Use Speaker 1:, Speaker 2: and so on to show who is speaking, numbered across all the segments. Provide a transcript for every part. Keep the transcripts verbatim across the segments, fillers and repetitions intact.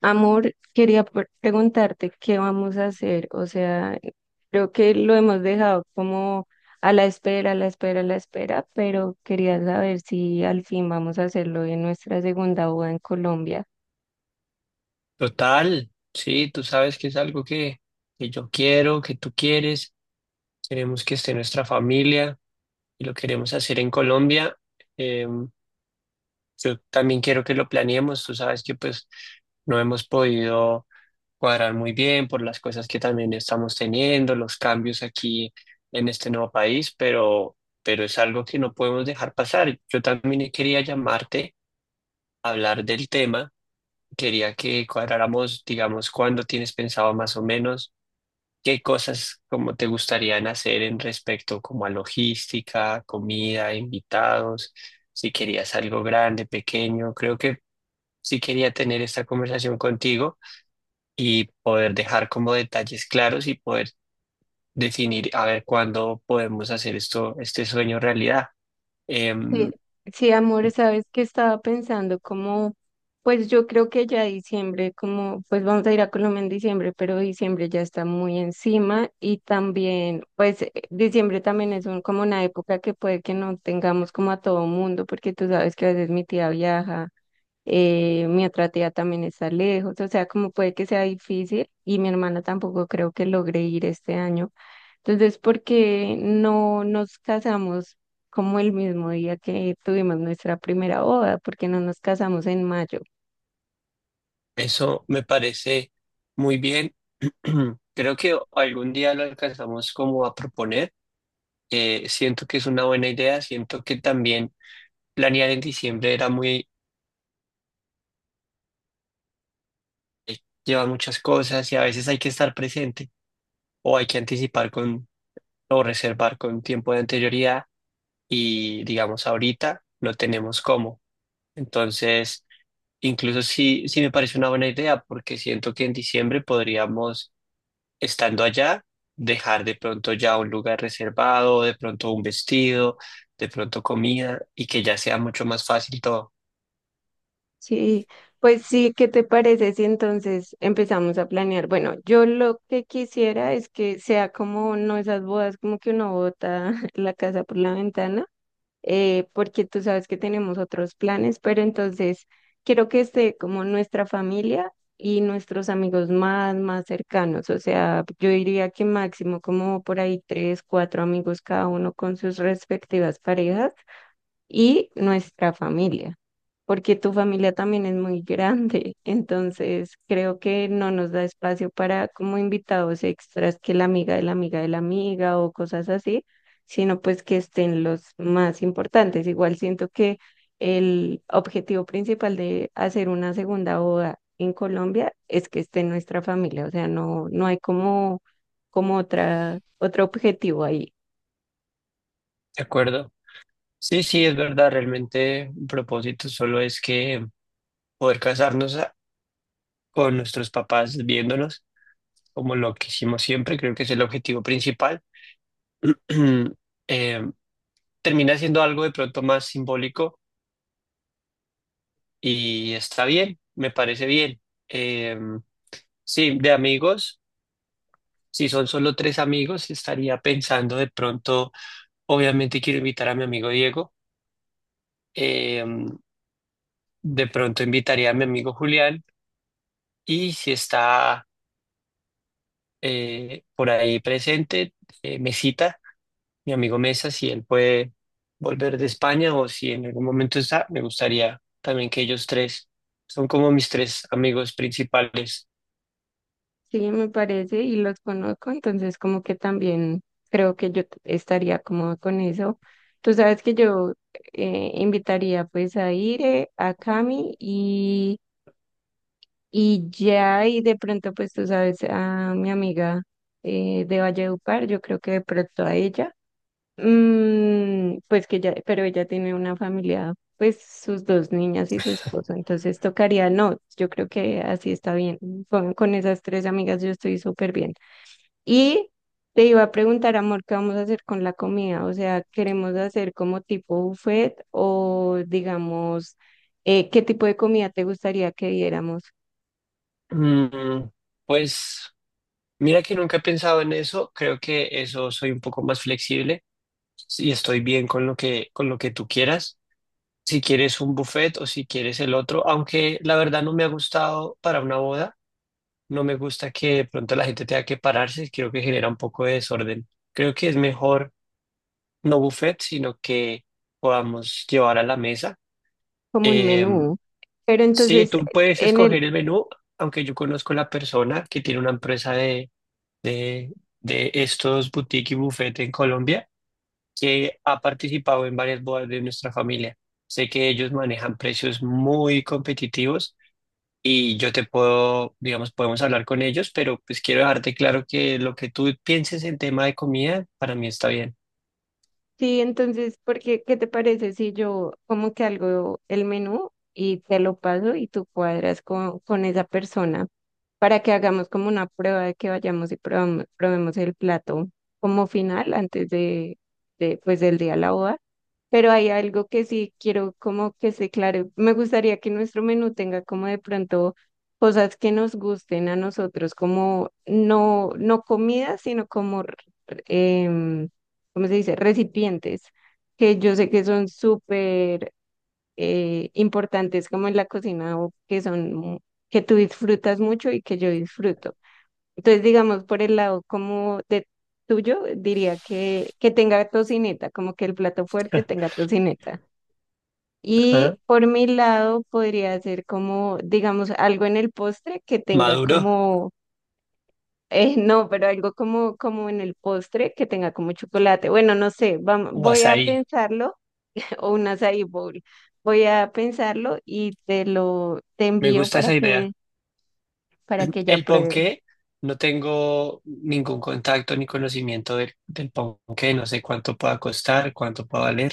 Speaker 1: Amor, quería pre- preguntarte qué vamos a hacer. O sea, creo que lo hemos dejado como a la espera, a la espera, a la espera, pero quería saber si al fin vamos a hacerlo en nuestra segunda boda en Colombia.
Speaker 2: Total, sí, tú sabes que es algo que, que yo quiero, que tú quieres, queremos que esté nuestra familia y lo queremos hacer en Colombia. Eh, yo también quiero que lo planeemos, tú sabes que pues no hemos podido cuadrar muy bien por las cosas que también estamos teniendo, los cambios aquí en este nuevo país, pero, pero es algo que no podemos dejar pasar. Yo también quería llamarte a hablar del tema, quería que cuadráramos, digamos, cuándo tienes pensado más o menos. ¿Qué cosas como te gustarían hacer en respecto como a logística, comida, invitados? Si querías algo grande, pequeño, creo que sí quería tener esta conversación contigo y poder dejar como detalles claros y poder definir a ver cuándo podemos hacer esto, este sueño realidad.
Speaker 1: Sí,
Speaker 2: Em,
Speaker 1: sí, amor, sabes que estaba pensando como, pues yo creo que ya diciembre, como, pues vamos a ir a Colombia en diciembre, pero diciembre ya está muy encima y también, pues eh, diciembre también es un, como una época que puede que no tengamos como a todo mundo, porque tú sabes que a veces mi tía viaja, eh, mi otra tía también está lejos. O sea, como puede que sea difícil y mi hermana tampoco creo que logre ir este año. Entonces, ¿por qué no nos casamos como el mismo día que tuvimos nuestra primera boda? ¿Por qué no nos casamos en mayo?
Speaker 2: Eso me parece muy bien. Creo que algún día lo alcanzamos como a proponer. Eh, siento que es una buena idea, siento que también planear en diciembre era muy, eh, lleva muchas cosas y a veces hay que estar presente o hay que anticipar con o reservar con tiempo de anterioridad y digamos ahorita no tenemos cómo. Entonces, incluso sí, sí me parece una buena idea porque siento que en diciembre podríamos, estando allá, dejar de pronto ya un lugar reservado, de pronto un vestido, de pronto comida y que ya sea mucho más fácil todo.
Speaker 1: Sí, pues sí, ¿qué te parece si entonces empezamos a planear? Bueno, yo lo que quisiera es que sea como no esas bodas como que uno bota la casa por la ventana, eh, porque tú sabes que tenemos otros planes, pero entonces quiero que esté como nuestra familia y nuestros amigos más, más cercanos. O sea, yo diría que máximo como por ahí tres, cuatro amigos cada uno con sus respectivas parejas y nuestra familia, porque tu familia también es muy grande, entonces creo que no nos da espacio para como invitados extras, que la amiga de la amiga de la amiga o cosas así, sino pues que estén los más importantes. Igual siento que el objetivo principal de hacer una segunda boda en Colombia es que esté nuestra familia. O sea, no, no hay como, como otra, otro objetivo ahí.
Speaker 2: ¿De acuerdo? Sí, sí, es verdad, realmente un propósito solo es que poder casarnos a- con nuestros papás viéndonos como lo que hicimos siempre, creo que es el objetivo principal. Eh, Termina siendo algo de pronto más simbólico y está bien, me parece bien. Eh, sí, de amigos, si son solo tres amigos, estaría pensando de pronto, obviamente quiero invitar a mi amigo Diego, eh, de pronto invitaría a mi amigo Julián y si está... eh, por ahí presente, eh, Mesita, mi amigo Mesa, si él puede volver de España o si en algún momento está, me gustaría también que ellos tres son como mis tres amigos principales.
Speaker 1: Sí, me parece, y los conozco, entonces como que también creo que yo t- estaría cómoda con eso. Tú sabes que yo, eh, invitaría pues a Ire, a Cami y, y ya, y de pronto pues tú sabes a mi amiga, eh, de Valledupar, yo creo que de pronto a ella. Mm, pues que ya, pero ella tiene una familia, pues sus dos niñas y su esposo, entonces tocaría, no, yo creo que así está bien, con, con esas tres amigas yo estoy súper bien. Y te iba a preguntar, amor, ¿qué vamos a hacer con la comida? O sea, ¿queremos hacer como tipo buffet o digamos, eh, qué tipo de comida te gustaría que diéramos?
Speaker 2: Mm, pues mira que nunca he pensado en eso, creo que eso soy un poco más flexible y estoy bien con lo que, con lo que tú quieras. Si quieres un buffet o si quieres el otro, aunque la verdad no me ha gustado para una boda, no me gusta que de pronto la gente tenga que pararse, creo que genera un poco de desorden. Creo que es mejor no buffet, sino que podamos llevar a la mesa.
Speaker 1: Como un
Speaker 2: Eh,
Speaker 1: menú. Pero
Speaker 2: sí,
Speaker 1: entonces,
Speaker 2: tú puedes
Speaker 1: en
Speaker 2: escoger el menú, aunque yo conozco la persona que tiene una empresa de, de, de estos boutique y buffet en Colombia, que ha participado en varias bodas de nuestra familia. Sé que ellos manejan precios muy competitivos y yo te puedo, digamos, podemos hablar con ellos, pero pues quiero dejarte claro que lo que tú pienses en tema de comida, para mí está bien.
Speaker 1: Sí, entonces, porque, ¿qué te parece si yo como que algo el menú y te lo paso y tú cuadras con, con esa persona para que hagamos como una prueba de que vayamos y probamos, probemos el plato como final antes de, de pues del día de la boda? Pero hay algo que sí quiero como que se claro. Me gustaría que nuestro menú tenga como de pronto cosas que nos gusten a nosotros, como no, no comida, sino como em, ¿cómo se dice? Recipientes, que yo sé que son súper, eh, importantes como en la cocina, o que son, mu- que tú disfrutas mucho y que yo disfruto. Entonces, digamos, por el lado como de tuyo, diría que, que tenga tocineta, como que el plato fuerte tenga tocineta. Y
Speaker 2: Ajá.
Speaker 1: por mi lado podría ser como, digamos, algo en el postre que tenga
Speaker 2: Maduro
Speaker 1: como... Eh, no, pero algo como, como en el postre que tenga como chocolate. Bueno, no sé, vam-
Speaker 2: o
Speaker 1: voy a
Speaker 2: azaí,
Speaker 1: pensarlo o un açaí bowl. Voy a pensarlo y te lo te
Speaker 2: me
Speaker 1: envío
Speaker 2: gusta
Speaker 1: para
Speaker 2: esa
Speaker 1: que,
Speaker 2: idea.
Speaker 1: para que ella
Speaker 2: El
Speaker 1: pruebe.
Speaker 2: ponqué, no tengo ningún contacto ni conocimiento del, del ponqué, no sé cuánto pueda costar, cuánto pueda valer,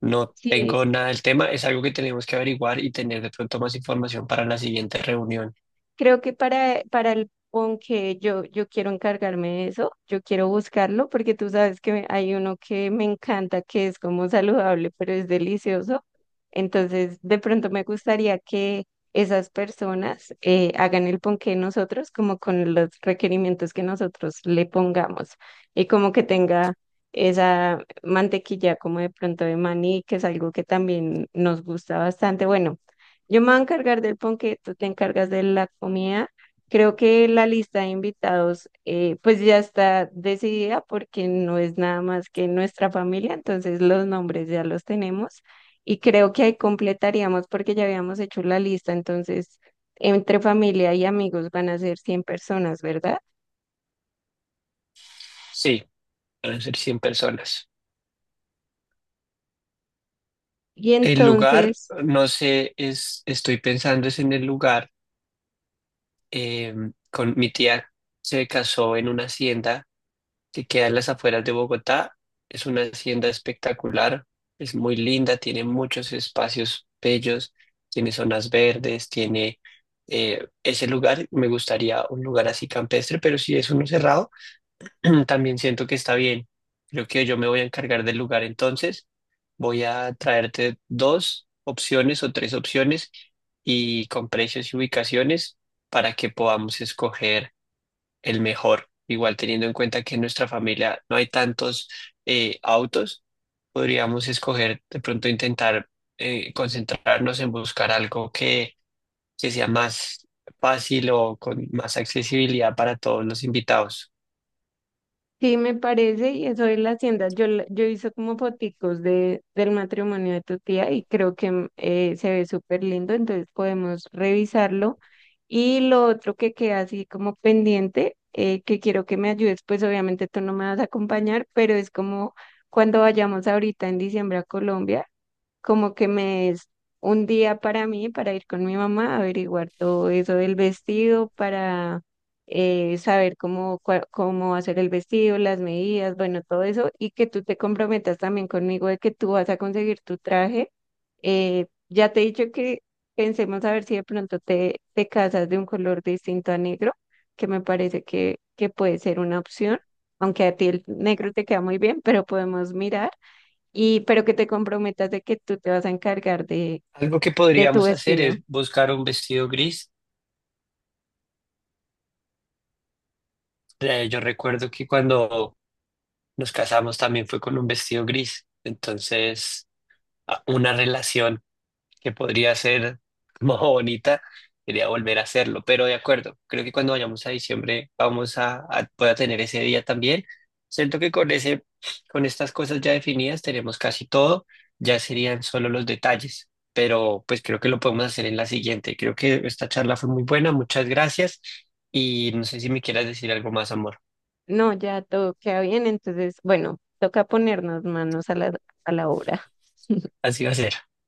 Speaker 2: no
Speaker 1: Sí,
Speaker 2: tengo nada del tema, es algo que tenemos que averiguar y tener de pronto más información para la siguiente reunión.
Speaker 1: creo que para, para el ponqué yo, yo quiero encargarme de eso, yo quiero buscarlo porque tú sabes que hay uno que me encanta, que es como saludable, pero es delicioso. Entonces, de pronto me gustaría que esas personas, eh, hagan el ponqué nosotros, como con los requerimientos que nosotros le pongamos, y como que tenga esa mantequilla como de pronto de maní, que es algo que también nos gusta bastante. Bueno, yo me voy a encargar del ponqué, tú te encargas de la comida. Creo que la lista de invitados, eh, pues ya está decidida porque no es nada más que nuestra familia, entonces los nombres ya los tenemos y creo que ahí completaríamos porque ya habíamos hecho la lista. Entonces, entre familia y amigos van a ser cien personas, ¿verdad?
Speaker 2: Sí, van a ser cien personas.
Speaker 1: Y
Speaker 2: El lugar,
Speaker 1: entonces...
Speaker 2: no sé, es, estoy pensando es en el lugar, eh, con mi tía se casó en una hacienda que queda en las afueras de Bogotá. Es una hacienda espectacular, es muy linda, tiene muchos espacios bellos, tiene zonas verdes, tiene eh, ese lugar, me gustaría un lugar así campestre, pero si es uno cerrado. También siento que está bien. Creo que yo me voy a encargar del lugar entonces. Voy a traerte dos opciones o tres opciones y con precios y ubicaciones para que podamos escoger el mejor. Igual teniendo en cuenta que en nuestra familia no hay tantos eh, autos, podríamos escoger de pronto intentar eh, concentrarnos en buscar algo que, que sea más fácil o con más accesibilidad para todos los invitados.
Speaker 1: Sí, me parece, y eso es la hacienda. Yo, la- yo hice como foticos de, del matrimonio de tu tía y creo que mm, eh, se ve súper lindo, entonces podemos revisarlo. Y lo otro que queda así como pendiente, eh, que quiero que me ayudes, pues obviamente tú no me vas a acompañar, pero es como cuando vayamos ahorita en diciembre a Colombia, como que me es un día para mí, para ir con mi mamá a averiguar todo eso del vestido, para, eh, saber cómo, cua- cómo hacer el vestido, las medidas, bueno, todo eso, y que tú te comprometas también conmigo de que tú vas a conseguir tu traje. Eh, ya te he dicho que pensemos a ver si de pronto te, te casas de un color distinto a negro, que me parece que, que puede ser una opción, aunque a ti el negro te queda muy bien, pero podemos mirar, y pero que te comprometas de que tú te vas a encargar de,
Speaker 2: Algo que
Speaker 1: de tu
Speaker 2: podríamos hacer
Speaker 1: vestido.
Speaker 2: es buscar un vestido gris. Eh, yo recuerdo que cuando nos casamos también fue con un vestido gris. Entonces, a- una relación que podría ser más bonita, quería volver a hacerlo, pero de acuerdo, creo que cuando vayamos a diciembre vamos a, a voy a tener ese día también. Siento que con ese, con estas cosas ya definidas tenemos casi todo, ya serían solo los detalles, pero pues creo que lo podemos hacer en la siguiente. Creo que esta charla fue muy buena, muchas gracias y no sé si me quieras decir algo más, amor.
Speaker 1: No, ya todo queda bien, entonces, bueno, toca ponernos manos a la, a la obra.
Speaker 2: Así va a ser.